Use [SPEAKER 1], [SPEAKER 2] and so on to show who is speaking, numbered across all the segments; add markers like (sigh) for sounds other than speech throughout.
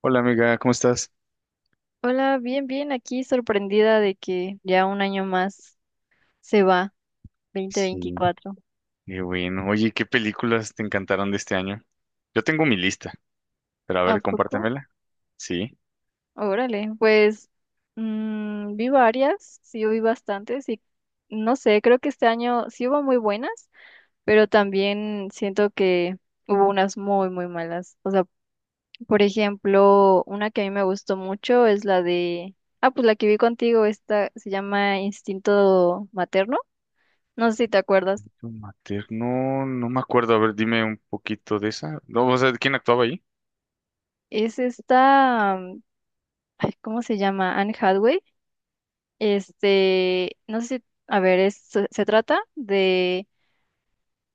[SPEAKER 1] Hola amiga, ¿cómo estás?
[SPEAKER 2] Hola, bien, bien, aquí sorprendida de que ya un año más se va, dos mil
[SPEAKER 1] Sí,
[SPEAKER 2] veinticuatro.
[SPEAKER 1] qué bueno. Oye, ¿qué películas te encantaron de este año? Yo tengo mi lista, pero a
[SPEAKER 2] ¿A
[SPEAKER 1] ver,
[SPEAKER 2] poco?
[SPEAKER 1] compártemela. Sí.
[SPEAKER 2] Órale, pues vi varias, sí vi bastantes y no sé, creo que este año sí hubo muy buenas, pero también siento que hubo unas muy, muy malas. O sea, por ejemplo, una que a mí me gustó mucho es la de, pues la que vi contigo. Esta se llama Instinto Materno, no sé si te acuerdas.
[SPEAKER 1] Tu Materno, no me acuerdo. A ver, dime un poquito de esa. No, o sea, ¿quién actuaba ahí?
[SPEAKER 2] Es esta, ay, ¿cómo se llama? Anne Hathaway. Este, no sé si, a ver, se trata de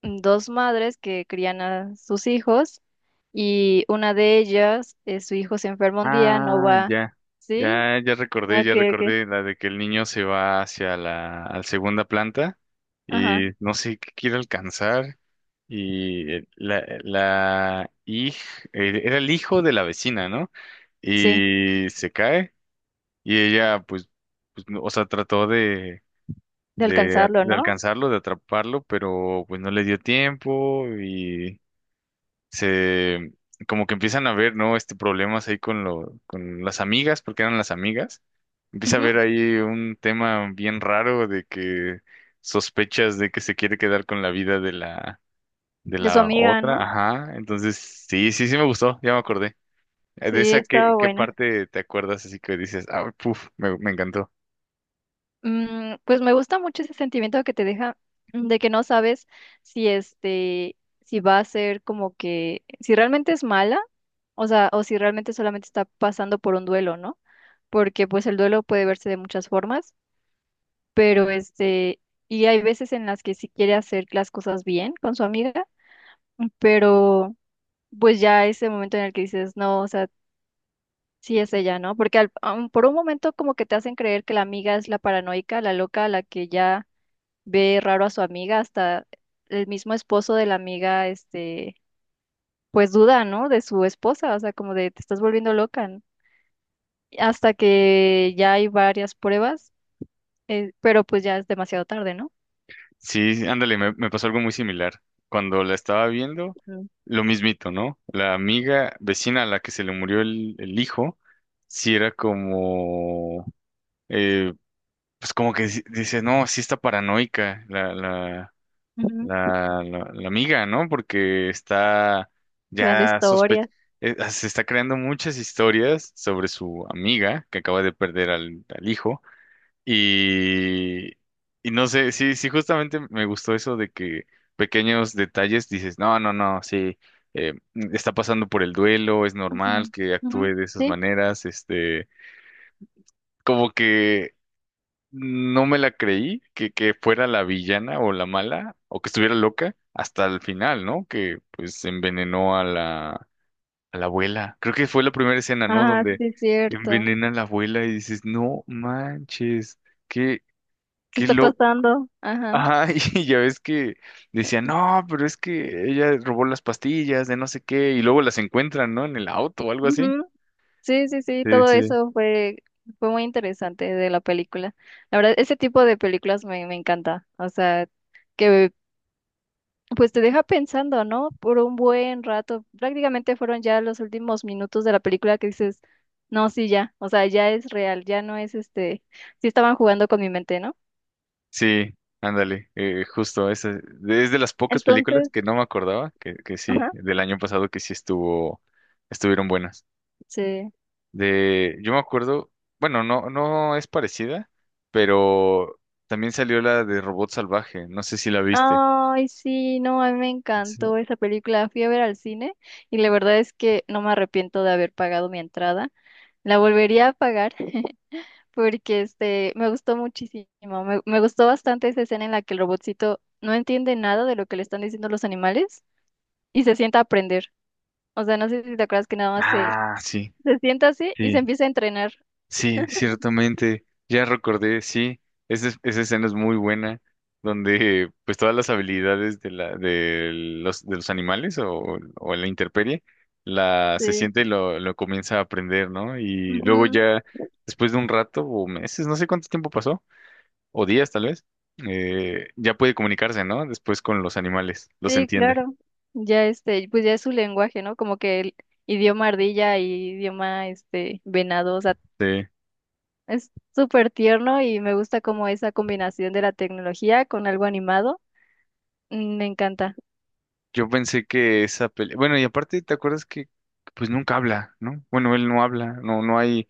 [SPEAKER 2] dos madres que crían a sus hijos y una de ellas, su hijo se enferma un día, no
[SPEAKER 1] Ah,
[SPEAKER 2] va,
[SPEAKER 1] ya.
[SPEAKER 2] ¿sí?
[SPEAKER 1] Ya, ya
[SPEAKER 2] Ah,
[SPEAKER 1] recordé, ya
[SPEAKER 2] ok, ok,
[SPEAKER 1] recordé la de que el niño se va a la segunda planta
[SPEAKER 2] ajá,
[SPEAKER 1] y no sé qué quiere alcanzar. La era el hijo de la vecina, ¿no?
[SPEAKER 2] sí,
[SPEAKER 1] Y se cae y ella pues, o sea, trató
[SPEAKER 2] de alcanzarlo,
[SPEAKER 1] de
[SPEAKER 2] ¿no?
[SPEAKER 1] alcanzarlo, de atraparlo, pero pues no le dio tiempo y se como que empiezan a ver, ¿no? Este problemas ahí con las amigas, porque eran las amigas. Empieza a
[SPEAKER 2] Ujú.
[SPEAKER 1] haber ahí un tema bien raro de que sospechas de que se quiere quedar con la vida de la de
[SPEAKER 2] De su
[SPEAKER 1] la
[SPEAKER 2] amiga,
[SPEAKER 1] otra,
[SPEAKER 2] ¿no?
[SPEAKER 1] ajá. Entonces, sí, sí, sí me gustó, ya me acordé. ¿De
[SPEAKER 2] Sí,
[SPEAKER 1] esa
[SPEAKER 2] estaba
[SPEAKER 1] qué
[SPEAKER 2] buena.
[SPEAKER 1] parte te acuerdas así que dices, ah, puf, me encantó?
[SPEAKER 2] Pues me gusta mucho ese sentimiento que te deja, de que no sabes si este, si va a ser como que, si realmente es mala, o sea, o si realmente solamente está pasando por un duelo, ¿no? Porque pues el duelo puede verse de muchas formas, pero este, y hay veces en las que sí quiere hacer las cosas bien con su amiga, pero pues ya ese momento en el que dices, no, o sea, sí es ella, ¿no? Porque aun por un momento como que te hacen creer que la amiga es la paranoica, la loca, la que ya ve raro a su amiga, hasta el mismo esposo de la amiga, este, pues duda, ¿no? De su esposa, o sea, como de te estás volviendo loca, ¿no? Hasta que ya hay varias pruebas, pero pues ya es demasiado tarde, ¿no?
[SPEAKER 1] Sí, ándale, me pasó algo muy similar. Cuando la estaba viendo,
[SPEAKER 2] Mm.
[SPEAKER 1] lo mismito, ¿no? La amiga vecina a la que se le murió el hijo, sí era como, eh, pues como que dice, no, sí está paranoica la, la,
[SPEAKER 2] Ujú.
[SPEAKER 1] la, la, la amiga, ¿no? Porque está
[SPEAKER 2] Creando
[SPEAKER 1] ya sospe...
[SPEAKER 2] historias.
[SPEAKER 1] se está creando muchas historias sobre su amiga que acaba de perder al hijo. Y, y no sé, sí, sí, justamente me gustó eso de que pequeños detalles dices, no, no, no, sí, eh, está pasando por el duelo, es
[SPEAKER 2] Ujú,
[SPEAKER 1] normal que
[SPEAKER 2] ujú.
[SPEAKER 1] actúe de esas
[SPEAKER 2] Sí.
[SPEAKER 1] maneras, este, como que no me la creí que fuera la villana o la mala o que estuviera loca hasta el final, ¿no? Que pues envenenó a la abuela. Creo que fue la primera escena, ¿no?
[SPEAKER 2] Ah,
[SPEAKER 1] Donde
[SPEAKER 2] sí, es cierto.
[SPEAKER 1] envenena a la abuela y dices, no manches, qué,
[SPEAKER 2] ¿Qué
[SPEAKER 1] qué
[SPEAKER 2] está
[SPEAKER 1] loco.
[SPEAKER 2] pasando? Ajá.
[SPEAKER 1] Ajá, (laughs) y ya ves que decían, no, pero es que ella robó las pastillas de no sé qué, y luego las encuentran, ¿no? En el auto o algo así.
[SPEAKER 2] Ujú. Sí, sí, sí,
[SPEAKER 1] Sí,
[SPEAKER 2] todo
[SPEAKER 1] sí.
[SPEAKER 2] eso fue muy interesante de la película. La verdad, ese tipo de películas me encanta. O sea, que pues te deja pensando, ¿no? Por un buen rato. Prácticamente fueron ya los últimos minutos de la película que dices, no, sí, ya, o sea, ya es real, ya no es este, sí estaban jugando con mi mente, ¿no?
[SPEAKER 1] Sí, ándale, justo, esa es de las pocas películas
[SPEAKER 2] Entonces,
[SPEAKER 1] que no me acordaba, que sí,
[SPEAKER 2] ajá,
[SPEAKER 1] del año pasado que sí estuvieron buenas.
[SPEAKER 2] sí.
[SPEAKER 1] Yo me acuerdo, bueno, no, no es parecida, pero también salió la de Robot Salvaje, no sé si la viste.
[SPEAKER 2] Ay, sí, no, a mí me
[SPEAKER 1] Sí.
[SPEAKER 2] encantó esa película. Fui a ver al cine y la verdad es que no me arrepiento de haber pagado mi entrada. La volvería a pagar (laughs) porque este me gustó muchísimo. Me gustó bastante esa escena en la que el robotcito no entiende nada de lo que le están diciendo los animales y se sienta a aprender. O sea, no sé si te acuerdas que nada más se,
[SPEAKER 1] Ah, sí.
[SPEAKER 2] se sienta así y se empieza a entrenar.
[SPEAKER 1] Sí, ciertamente, ya recordé, sí, esa escena es muy buena, donde pues todas las habilidades de los animales o la intemperie, la se
[SPEAKER 2] Sí.
[SPEAKER 1] siente y lo comienza a aprender, ¿no? Y luego
[SPEAKER 2] Ujú.
[SPEAKER 1] ya, después de un rato o meses, no sé cuánto tiempo pasó, o días tal vez, ya puede comunicarse, ¿no? Después con los animales, los
[SPEAKER 2] Sí,
[SPEAKER 1] entiende.
[SPEAKER 2] claro. Ya este, pues ya es su lenguaje, ¿no? Como que el idioma ardilla y idioma este venado, o sea,
[SPEAKER 1] Sí.
[SPEAKER 2] es súper tierno y me gusta como esa combinación de la tecnología con algo animado. Me encanta.
[SPEAKER 1] Yo pensé que esa pelea, bueno, y aparte, ¿te acuerdas que pues nunca habla? ¿No? Bueno, él no habla, no,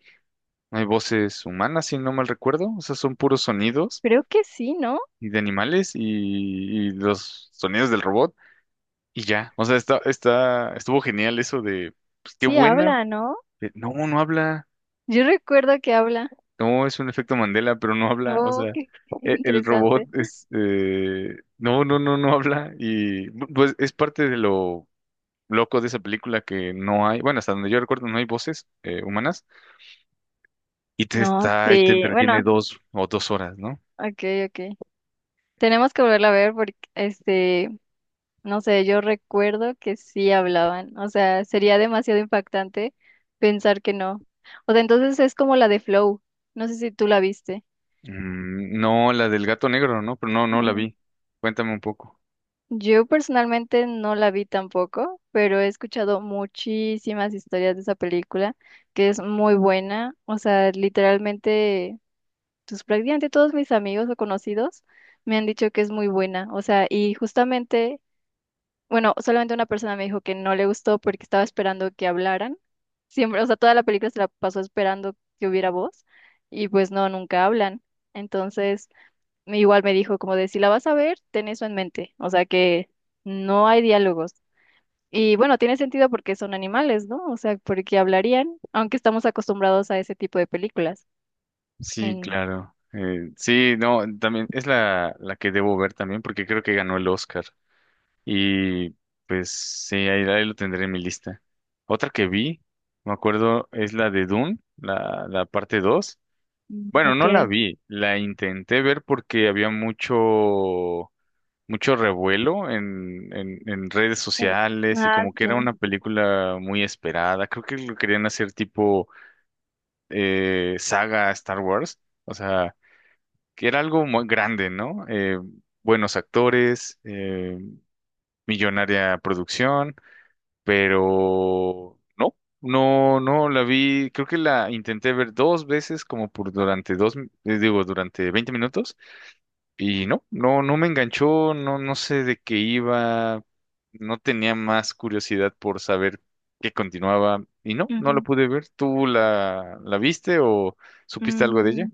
[SPEAKER 1] no hay voces humanas, si no mal recuerdo. O sea, son puros sonidos
[SPEAKER 2] Creo que sí, ¿no?
[SPEAKER 1] y de animales y los sonidos del robot y ya. O sea, estuvo genial eso de, pues qué
[SPEAKER 2] Sí
[SPEAKER 1] buena.
[SPEAKER 2] habla, ¿no?
[SPEAKER 1] No, no habla.
[SPEAKER 2] Yo recuerdo que habla.
[SPEAKER 1] No, es un efecto Mandela, pero no habla. O
[SPEAKER 2] Oh,
[SPEAKER 1] sea,
[SPEAKER 2] qué (laughs)
[SPEAKER 1] el robot
[SPEAKER 2] interesante.
[SPEAKER 1] es, no, no, no, no habla. Y pues es parte de lo loco de esa película que no hay, bueno, hasta donde yo recuerdo no hay voces humanas y te
[SPEAKER 2] No,
[SPEAKER 1] está y te
[SPEAKER 2] sí,
[SPEAKER 1] entretiene
[SPEAKER 2] bueno,
[SPEAKER 1] dos o dos horas, ¿no?
[SPEAKER 2] ok, ok. Tenemos que volverla a ver porque, este, no sé, yo recuerdo que sí hablaban. O sea, sería demasiado impactante pensar que no. O sea, entonces es como la de Flow. No sé si tú la viste.
[SPEAKER 1] No, la del gato negro, ¿no? Pero no, no la
[SPEAKER 2] Ujú.
[SPEAKER 1] vi. Cuéntame un poco.
[SPEAKER 2] Yo personalmente no la vi tampoco, pero he escuchado muchísimas historias de esa película, que es muy buena. O sea, literalmente, pues prácticamente todos mis amigos o conocidos me han dicho que es muy buena. O sea, y justamente, bueno, solamente una persona me dijo que no le gustó porque estaba esperando que hablaran. Siempre, o sea, toda la película se la pasó esperando que hubiera voz y pues no, nunca hablan. Entonces, igual me dijo como de, si la vas a ver, ten eso en mente. O sea, que no hay diálogos. Y bueno, tiene sentido porque son animales, ¿no? O sea, porque hablarían, aunque estamos acostumbrados a ese tipo de películas.
[SPEAKER 1] Sí,
[SPEAKER 2] En...
[SPEAKER 1] claro. Sí, no, también es la que debo ver también porque creo que ganó el Oscar. Y pues sí, ahí lo tendré en mi lista. Otra que vi, me acuerdo, es la de Dune, la parte 2.
[SPEAKER 2] Mm,
[SPEAKER 1] Bueno,
[SPEAKER 2] ok.
[SPEAKER 1] no la vi, la intenté ver porque había mucho, mucho revuelo en redes sociales y
[SPEAKER 2] Ah,
[SPEAKER 1] como que era
[SPEAKER 2] sí.
[SPEAKER 1] una película muy esperada. Creo que lo querían hacer tipo saga Star Wars, o sea, que era algo muy grande, ¿no? Buenos actores, millonaria producción, pero no, no, no la vi. Creo que la intenté ver dos veces como por durante 20 minutos. Y no, no, no me enganchó, no, no sé de qué iba, no tenía más curiosidad por saber qué continuaba. Y no, no la
[SPEAKER 2] Ujú.
[SPEAKER 1] pude ver. ¿Tú la viste o supiste algo de ella?
[SPEAKER 2] Mm.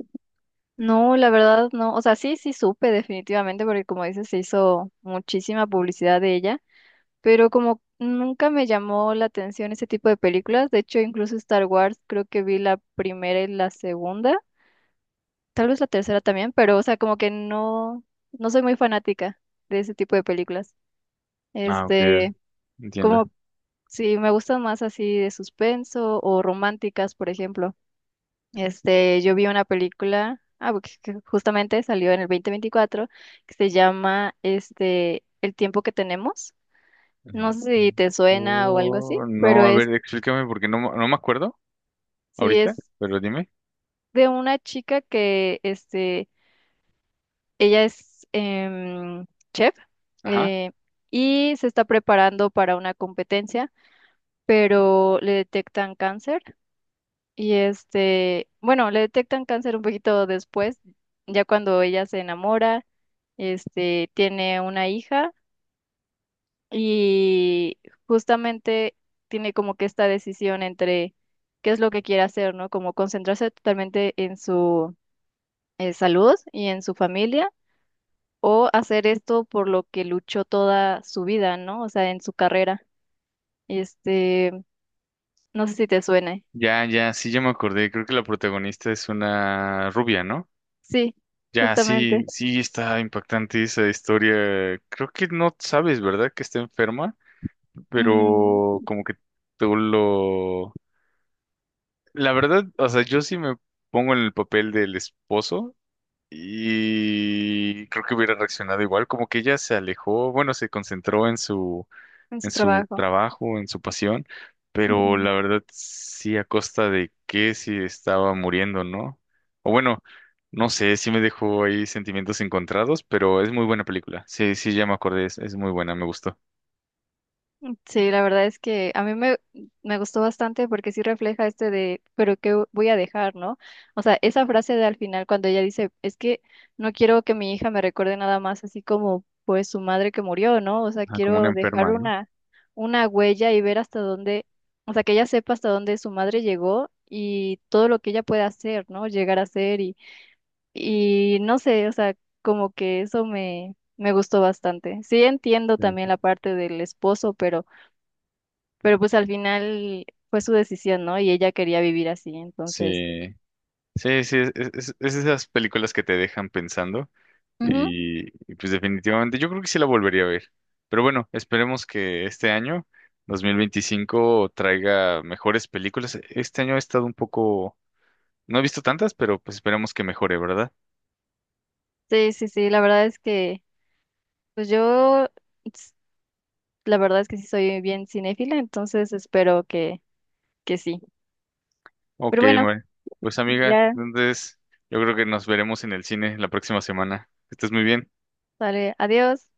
[SPEAKER 2] No, la verdad no. O sea, sí, sí supe definitivamente porque como dices, se hizo muchísima publicidad de ella, pero como nunca me llamó la atención ese tipo de películas, de hecho incluso Star Wars creo que vi la primera y la segunda, tal vez la tercera también, pero o sea, como que no, no soy muy fanática de ese tipo de películas.
[SPEAKER 1] Ah, ok,
[SPEAKER 2] Este,
[SPEAKER 1] entiendo.
[SPEAKER 2] como si me gustan más así de suspenso o románticas, por ejemplo. Este, yo vi una película, porque que justamente salió en el 2024, que se llama este, El tiempo que tenemos. No
[SPEAKER 1] Em,
[SPEAKER 2] sé si te suena o algo así,
[SPEAKER 1] oh,
[SPEAKER 2] pero
[SPEAKER 1] no, a
[SPEAKER 2] es,
[SPEAKER 1] ver, explícame porque no, no me acuerdo
[SPEAKER 2] sí, es
[SPEAKER 1] ahorita, pero dime.
[SPEAKER 2] de una chica que, este, ella es chef,
[SPEAKER 1] Ajá.
[SPEAKER 2] eh, y se está preparando para una competencia, pero le detectan cáncer. Y este, bueno, le detectan cáncer un poquito después, ya cuando ella se enamora, este, tiene una hija y justamente tiene como que esta decisión entre qué es lo que quiere hacer, ¿no? Como concentrarse totalmente en su salud y en su familia, o hacer esto por lo que luchó toda su vida, ¿no? O sea, en su carrera. Este, no sé si te suene.
[SPEAKER 1] Ya, ya, sí, ya me acordé. Creo que la protagonista es una rubia, ¿no?
[SPEAKER 2] Sí,
[SPEAKER 1] Ya, sí,
[SPEAKER 2] justamente.
[SPEAKER 1] sí está impactante esa historia. Creo que no sabes, ¿verdad? Que está enferma,
[SPEAKER 2] Ujú,
[SPEAKER 1] pero como que tú lo... La verdad, o sea, yo sí me pongo en el papel del esposo y creo que hubiera reaccionado igual, como que ella se alejó, bueno, se concentró
[SPEAKER 2] en
[SPEAKER 1] en
[SPEAKER 2] su
[SPEAKER 1] su
[SPEAKER 2] trabajo.
[SPEAKER 1] trabajo, en su pasión, pero
[SPEAKER 2] Ujú.
[SPEAKER 1] la verdad sí a costa de que si estaba muriendo, ¿no? O bueno, no sé, sí me dejó ahí sentimientos encontrados, pero es muy buena película. Sí, sí, ya me acordé, es muy buena, me gustó.
[SPEAKER 2] Sí, la verdad es que a mí me gustó bastante porque sí refleja este de, pero ¿qué voy a dejar, no? O sea, esa frase de al final cuando ella dice, es que no quiero que mi hija me recuerde nada más así como pues su madre que murió, ¿no? O sea,
[SPEAKER 1] Ah, como una
[SPEAKER 2] quiero dejar
[SPEAKER 1] enferma, ¿no?
[SPEAKER 2] una, huella y ver hasta dónde, o sea, que ella sepa hasta dónde su madre llegó y todo lo que ella pueda hacer, ¿no? Llegar a ser y no sé, o sea, como que eso me gustó bastante. Sí entiendo también
[SPEAKER 1] Sí,
[SPEAKER 2] la parte del esposo, pero pues al final fue su decisión, ¿no? Y ella quería vivir así, entonces.
[SPEAKER 1] sí, sí, sí, es esas películas que te dejan pensando.
[SPEAKER 2] Ujú.
[SPEAKER 1] Pues definitivamente yo creo que sí la volvería a ver. Pero bueno, esperemos que este año, 2025 traiga mejores películas. Este año he estado un poco, no he visto tantas, pero pues esperemos que mejore, ¿verdad?
[SPEAKER 2] Sí, sí, sí, la verdad es que, pues yo, s- la verdad es que sí soy bien cinéfila, entonces espero que, sí.
[SPEAKER 1] Ok,
[SPEAKER 2] Pero bueno,
[SPEAKER 1] bueno. Pues amiga,
[SPEAKER 2] ya,
[SPEAKER 1] entonces yo creo que nos veremos en el cine la próxima semana. Que estés muy bien.
[SPEAKER 2] sale, adiós.